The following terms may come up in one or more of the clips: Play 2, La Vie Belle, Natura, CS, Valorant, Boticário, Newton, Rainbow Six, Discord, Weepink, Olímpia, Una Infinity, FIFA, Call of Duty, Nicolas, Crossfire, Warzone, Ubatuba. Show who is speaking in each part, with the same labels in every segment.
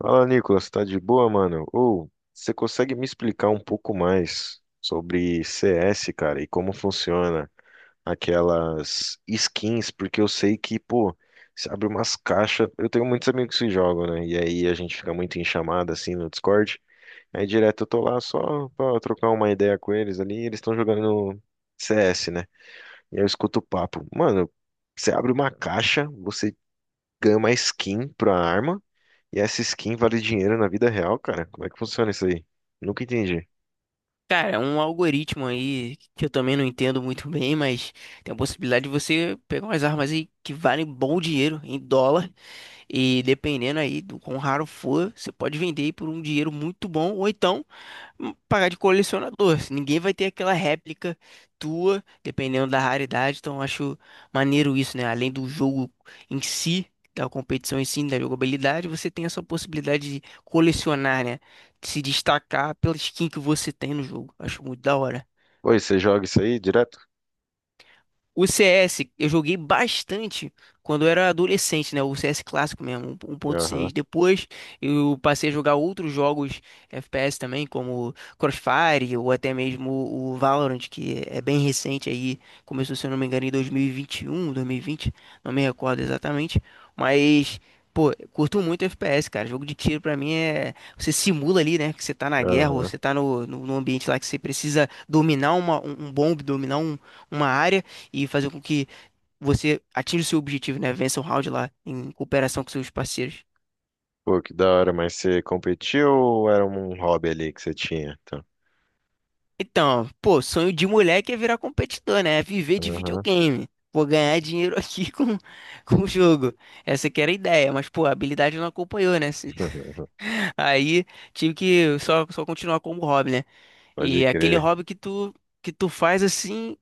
Speaker 1: Fala, Nicolas, tá de boa, mano? Ou você consegue me explicar um pouco mais sobre CS, cara, e como funciona aquelas skins? Porque eu sei que, pô, você abre umas caixas. Eu tenho muitos amigos que jogam, né? E aí a gente fica muito em chamada assim no Discord. Aí direto eu tô lá só pra trocar uma ideia com eles ali. E eles estão jogando CS, né? E aí eu escuto o papo. Mano, você abre uma caixa, você ganha uma skin pra arma. E essa skin vale dinheiro na vida real, cara? Como é que funciona isso aí? Nunca entendi.
Speaker 2: Cara, é um algoritmo aí que eu também não entendo muito bem, mas tem a possibilidade de você pegar umas armas aí que valem bom dinheiro em dólar e dependendo aí do quão raro for, você pode vender aí por um dinheiro muito bom ou então pagar de colecionador. Assim, ninguém vai ter aquela réplica tua, dependendo da raridade. Então, eu acho maneiro isso, né? Além do jogo em si, da competição em si, né, da jogabilidade, você tem essa possibilidade de colecionar, né? De se destacar pela skin que você tem no jogo. Acho muito da hora.
Speaker 1: Pô, você joga isso aí direto?
Speaker 2: O CS eu joguei bastante quando eu era adolescente, né? O CS clássico mesmo, um um ponto
Speaker 1: Aham,
Speaker 2: seis Depois eu passei a jogar outros jogos FPS também, como Crossfire ou até mesmo o Valorant, que é bem recente aí. Começou, se eu não me engano, em 2021, 2020, não me recordo exatamente. Mas, pô, curto muito FPS, cara. Jogo de tiro pra mim é. Você simula ali, né? Que você tá na guerra ou
Speaker 1: aham.
Speaker 2: você tá no ambiente lá que você precisa dominar um bombe, dominar um, uma área e fazer com que você atinja o seu objetivo, né? Vença o round lá em cooperação com seus parceiros.
Speaker 1: Pô, que da hora, mas você competiu ou era um hobby ali que você tinha? Tá.
Speaker 2: Então, pô, sonho de moleque é virar competidor, né? É viver de
Speaker 1: Aham,
Speaker 2: videogame. Vou ganhar dinheiro aqui com o jogo. Essa que era a ideia, mas, pô, a habilidade não acompanhou, né? Aí tive que só continuar como hobby, né?
Speaker 1: Pode
Speaker 2: E é aquele
Speaker 1: crer.
Speaker 2: hobby que tu faz assim.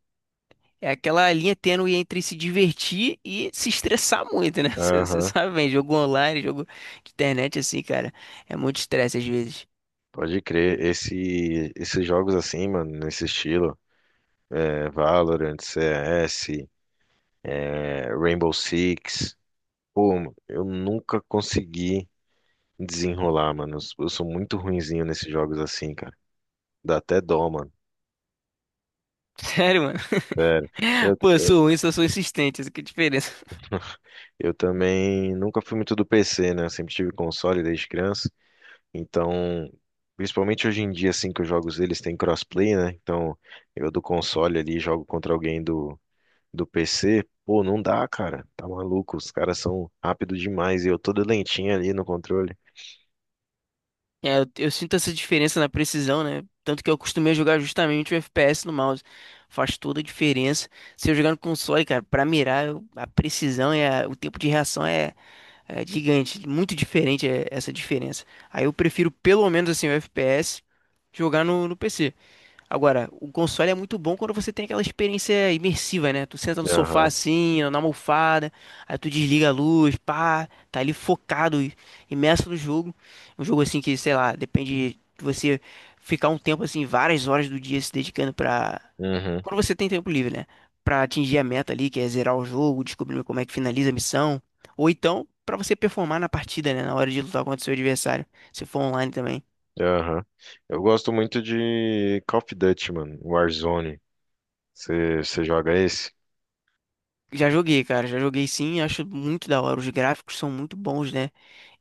Speaker 2: É aquela linha tênue entre se divertir e se estressar muito, né? Você
Speaker 1: Aham.
Speaker 2: sabe bem, jogo online, jogo de internet assim, cara. É muito estresse às vezes.
Speaker 1: Pode crer. Esses jogos assim, mano, nesse estilo, é, Valorant, CS, é, Rainbow Six. Pô, mano, eu nunca consegui desenrolar, mano. Eu sou muito ruinzinho nesses jogos assim, cara. Dá até dó, mano.
Speaker 2: Sério, mano.
Speaker 1: Sério. Eu,
Speaker 2: Pô, eu
Speaker 1: eu,
Speaker 2: sou ruim, só sou insistente. Essa que é a diferença.
Speaker 1: eu também nunca fui muito do PC, né? Eu sempre tive console desde criança. Então, principalmente hoje em dia, assim, que os jogos deles têm crossplay, né? Então, eu do console ali jogo contra alguém do PC. Pô, não dá, cara. Tá maluco. Os caras são rápidos demais e eu todo lentinho ali no controle.
Speaker 2: É, eu sinto essa diferença na precisão, né? Tanto que eu acostumei a jogar justamente o FPS no mouse. Faz toda a diferença. Se eu jogar no console, cara, pra mirar, a precisão e o tempo de reação é é gigante, muito diferente é, essa diferença. Aí eu prefiro pelo menos assim o FPS jogar no PC. Agora, o console é muito bom quando você tem aquela experiência imersiva, né? Tu senta no sofá
Speaker 1: Aham.
Speaker 2: assim, na almofada, aí tu desliga a luz, pá, tá ali focado, imerso no jogo. Um jogo assim que, sei lá, depende de você ficar um tempo assim, várias horas do dia se dedicando pra.
Speaker 1: Uhum.
Speaker 2: Quando você tem tempo livre, né? Pra atingir a meta ali, que é zerar o jogo, descobrir como é que finaliza a missão. Ou então, pra você performar na partida, né? Na hora de lutar contra o seu adversário, se for online também.
Speaker 1: Aham. Eu gosto muito de Call of Duty, mano. Warzone. Você joga esse?
Speaker 2: Já joguei, cara, já joguei sim, acho muito da hora. Os gráficos são muito bons, né?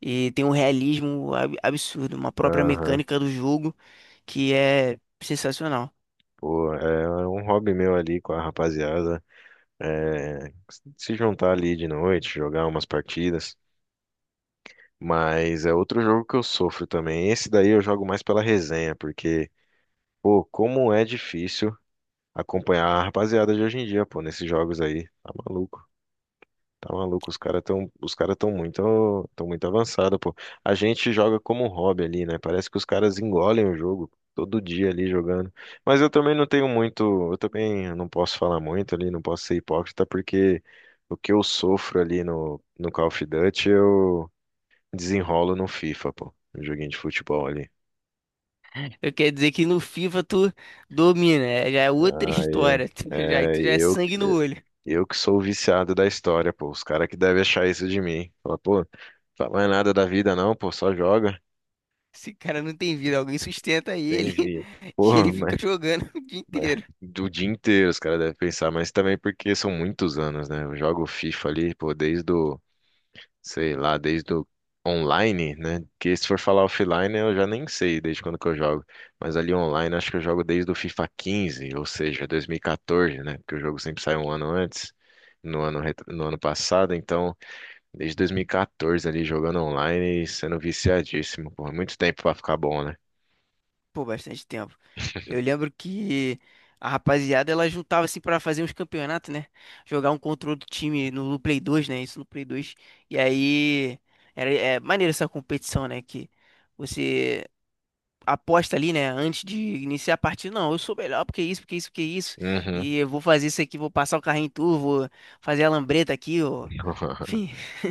Speaker 2: E tem um realismo absurdo, uma própria
Speaker 1: Aham.
Speaker 2: mecânica do jogo que é sensacional.
Speaker 1: Pô, é um hobby meu ali com a rapaziada. É, se juntar ali de noite, jogar umas partidas. Mas é outro jogo que eu sofro também. Esse daí eu jogo mais pela resenha, porque, pô, como é difícil acompanhar a rapaziada de hoje em dia, pô, nesses jogos aí. Tá maluco. Tá maluco, os cara tão muito avançado, pô. A gente joga como um hobby ali, né? Parece que os caras engolem o jogo todo dia ali jogando. Mas eu também não tenho muito, eu também não posso falar muito ali, não posso ser hipócrita, porque o que eu sofro ali no Call of Duty, eu desenrolo no FIFA, pô. No joguinho de futebol ali.
Speaker 2: Eu quero dizer que no FIFA tu domina, já é outra
Speaker 1: Ah,
Speaker 2: história, já,
Speaker 1: é,
Speaker 2: tu já é
Speaker 1: eu,
Speaker 2: sangue no olho.
Speaker 1: eu que sou o viciado da história, pô. Os caras que devem achar isso de mim. Fala, pô, fala mais nada da vida não, pô, só joga.
Speaker 2: Esse cara não tem vida, alguém sustenta
Speaker 1: Tem
Speaker 2: ele
Speaker 1: vida.
Speaker 2: que ele
Speaker 1: Porra, mas,
Speaker 2: fica jogando o dia
Speaker 1: mas
Speaker 2: inteiro.
Speaker 1: do dia inteiro os caras devem pensar, mas também porque são muitos anos, né? Eu jogo FIFA ali, pô, desde o, sei lá, desde o online, né? Que se for falar offline, eu já nem sei desde quando que eu jogo. Mas ali online, acho que eu jogo desde o FIFA 15, ou seja, 2014, né? Porque o jogo sempre sai um ano antes, no ano passado. Então, desde 2014 ali, jogando online e sendo viciadíssimo, porra, muito tempo pra ficar bom, né?
Speaker 2: Pô, bastante tempo. Eu lembro que a rapaziada ela juntava assim pra fazer uns campeonatos, né? Jogar um contra outro time no Play 2, né? Isso no Play 2. E aí era é, maneiro essa competição, né? Que você aposta ali, né? Antes de iniciar a partida, não, eu sou melhor porque isso, porque isso, porque isso.
Speaker 1: Uhum.
Speaker 2: E eu vou fazer isso aqui, vou passar o carrinho em tu, vou fazer a lambreta aqui, ó. Enfim.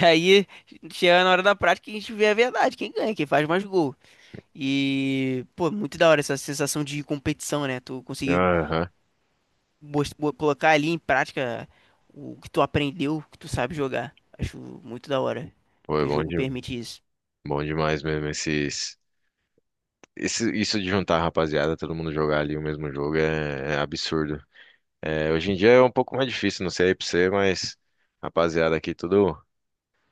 Speaker 2: E aí chega na hora da prática e a gente vê a verdade, quem ganha, quem faz mais gol. E, pô, muito da hora essa sensação de competição, né? Tu conseguir
Speaker 1: Aham.
Speaker 2: colocar ali em prática o que tu aprendeu, o que tu sabe jogar. Acho muito da hora
Speaker 1: Pô, é
Speaker 2: que o
Speaker 1: bom,
Speaker 2: jogo permite isso.
Speaker 1: bom demais mesmo. Isso de juntar a rapaziada, todo mundo jogar ali o mesmo jogo é absurdo. É, hoje em dia é um pouco mais difícil, não sei aí pra você, mas rapaziada aqui tudo...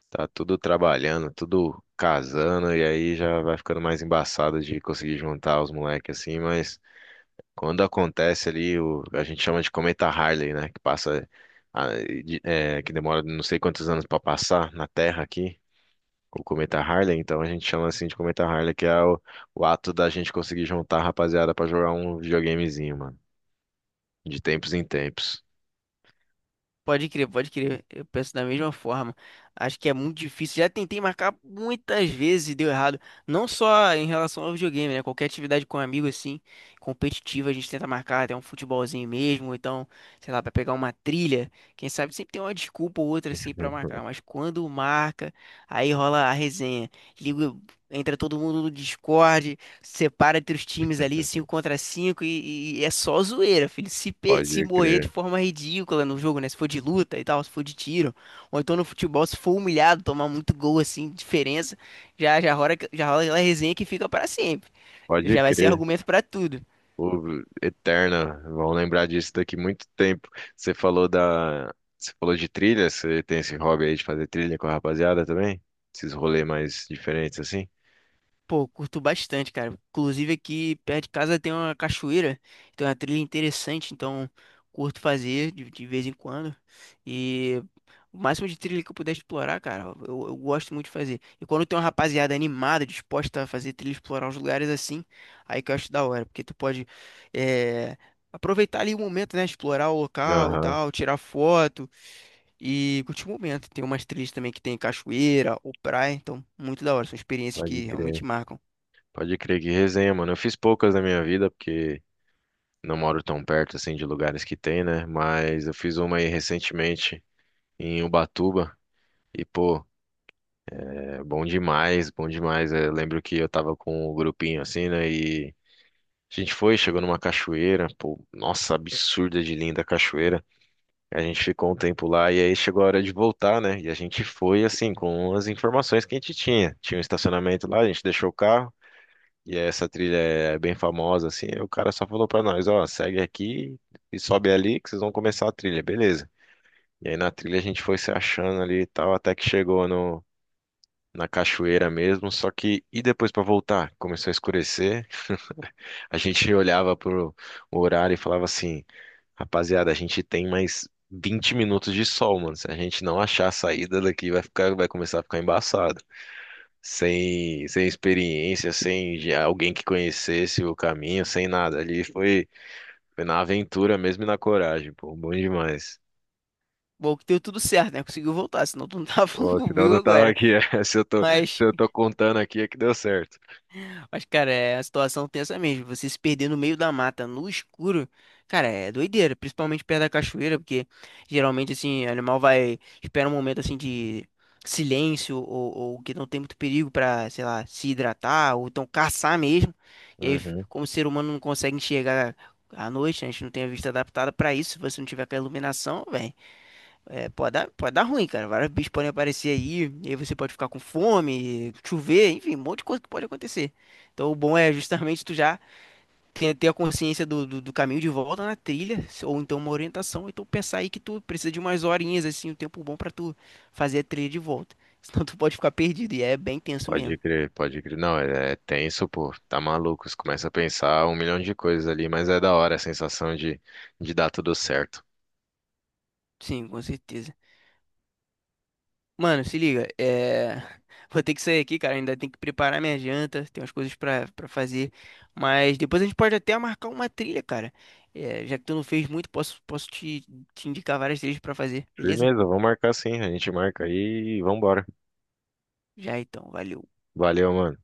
Speaker 1: Tá tudo trabalhando, tudo casando, e aí já vai ficando mais embaçado de conseguir juntar os moleques assim, mas quando acontece ali, a gente chama de cometa Harley, né? Que passa. Ah, que demora não sei quantos anos pra passar na Terra aqui. O Cometa Harley, então a gente chama assim de Cometa Harley, que é o ato da gente conseguir juntar a rapaziada pra jogar um videogamezinho, mano. De tempos em tempos.
Speaker 2: Pode crer, pode crer. Eu penso da mesma forma. Acho que é muito difícil. Já tentei marcar muitas vezes e deu errado. Não só em relação ao videogame, né? Qualquer atividade com um amigo assim, competitiva, a gente tenta marcar até um futebolzinho mesmo, ou então, sei lá, pra pegar uma trilha. Quem sabe sempre tem uma desculpa ou outra assim pra marcar, mas quando marca, aí rola a resenha. Liga, entra todo mundo no Discord, separa entre os times ali, 5 contra 5 e é só zoeira, filho. Se, se
Speaker 1: Pode
Speaker 2: morrer de
Speaker 1: crer.
Speaker 2: forma ridícula no jogo, né? Se for de luta e tal, se for de tiro, ou então no futebol, se for humilhado, tomar muito gol assim, diferença, já, já rola aquela resenha que fica para sempre.
Speaker 1: Pode
Speaker 2: Já vai ser
Speaker 1: crer.
Speaker 2: argumento para tudo.
Speaker 1: O Eterna, vão lembrar disso daqui muito tempo. Você falou da, você falou de trilha, você tem esse hobby aí de fazer trilha com a rapaziada também? Esses rolês mais diferentes assim?
Speaker 2: Pô, curto bastante, cara. Inclusive aqui perto de casa tem uma cachoeira, tem uma trilha interessante, então curto fazer de vez em quando. E o máximo de trilha que eu puder explorar, cara, eu gosto muito de fazer. E quando tem uma rapaziada animada, disposta a fazer trilha, explorar os lugares assim, aí que eu acho da hora, porque tu pode eh, aproveitar ali o momento, né? Explorar o local e
Speaker 1: Aham,
Speaker 2: tal, tirar foto e curtir o momento. Tem umas trilhas também que tem cachoeira ou praia, então muito da hora. São experiências
Speaker 1: pode
Speaker 2: que
Speaker 1: crer.
Speaker 2: realmente marcam.
Speaker 1: Pode crer que resenha, mano. Eu fiz poucas na minha vida porque não moro tão perto assim de lugares que tem, né? Mas eu fiz uma aí recentemente em Ubatuba e pô, é bom demais, bom demais. Eu lembro que eu tava com um grupinho assim, né? E a gente foi, chegou numa cachoeira, pô, nossa, absurda de linda a cachoeira. A gente ficou um tempo lá e aí chegou a hora de voltar, né? E a gente foi assim com as informações que a gente tinha. Tinha um estacionamento lá, a gente deixou o carro. E essa trilha é bem famosa, assim. Aí o cara só falou pra nós, ó, segue aqui e sobe ali que vocês vão começar a trilha, beleza. E aí na trilha a gente foi se achando ali e tal, até que chegou no, na cachoeira mesmo. Só que, e depois pra voltar? Começou a escurecer. A gente olhava pro horário e falava assim, rapaziada, a gente tem mais 20 minutos de sol, mano. Se a gente não achar a saída daqui, vai ficar, vai começar a ficar embaçado sem experiência, sem já alguém que conhecesse o caminho, sem nada. Ali foi na aventura mesmo e na coragem, pô, bom demais.
Speaker 2: Bom, que deu tudo certo, né? Conseguiu voltar, senão tu não tava falando
Speaker 1: Pô, senão eu
Speaker 2: comigo
Speaker 1: não tava
Speaker 2: agora.
Speaker 1: aqui. Se eu tô, se
Speaker 2: Mas.
Speaker 1: eu tô contando aqui, é que deu certo.
Speaker 2: Mas, cara, é a situação tensa mesmo. Você se perder no meio da mata, no escuro, cara, é doideira. Principalmente perto da cachoeira, porque geralmente, assim, o animal vai. Espera um momento, assim, de silêncio ou que não tem muito perigo pra, sei lá, se hidratar ou então caçar mesmo. E aí,
Speaker 1: Uhum.
Speaker 2: como o ser humano não consegue enxergar à noite, né, a gente não tem a vista adaptada pra isso. Se você não tiver aquela iluminação, velho. É, pode dar ruim, cara. Vários bichos podem aparecer aí, e aí você pode ficar com fome, chover, enfim, um monte de coisa que pode acontecer. Então o bom é justamente tu já ter, ter a consciência do caminho de volta na trilha, ou então uma orientação, então pensar aí que tu precisa de umas horinhas, assim, um tempo bom pra tu fazer a trilha de volta. Senão tu pode ficar perdido, e é bem tenso
Speaker 1: Pode
Speaker 2: mesmo.
Speaker 1: crer, pode crer. Não, é tenso, pô. Tá maluco. Você começa a pensar um milhão de coisas ali, mas é da hora a sensação de dar tudo certo.
Speaker 2: Sim, com certeza. Mano, se liga, é... vou ter que sair aqui, cara. Ainda tem que preparar minha janta, tem umas coisas pra fazer. Mas depois a gente pode até marcar uma trilha, cara. É, já que tu não fez muito, posso, posso te, te indicar várias trilhas pra fazer, beleza?
Speaker 1: Firmeza, vamos marcar sim. A gente marca aí e vambora.
Speaker 2: Já então, valeu.
Speaker 1: Valeu, mano.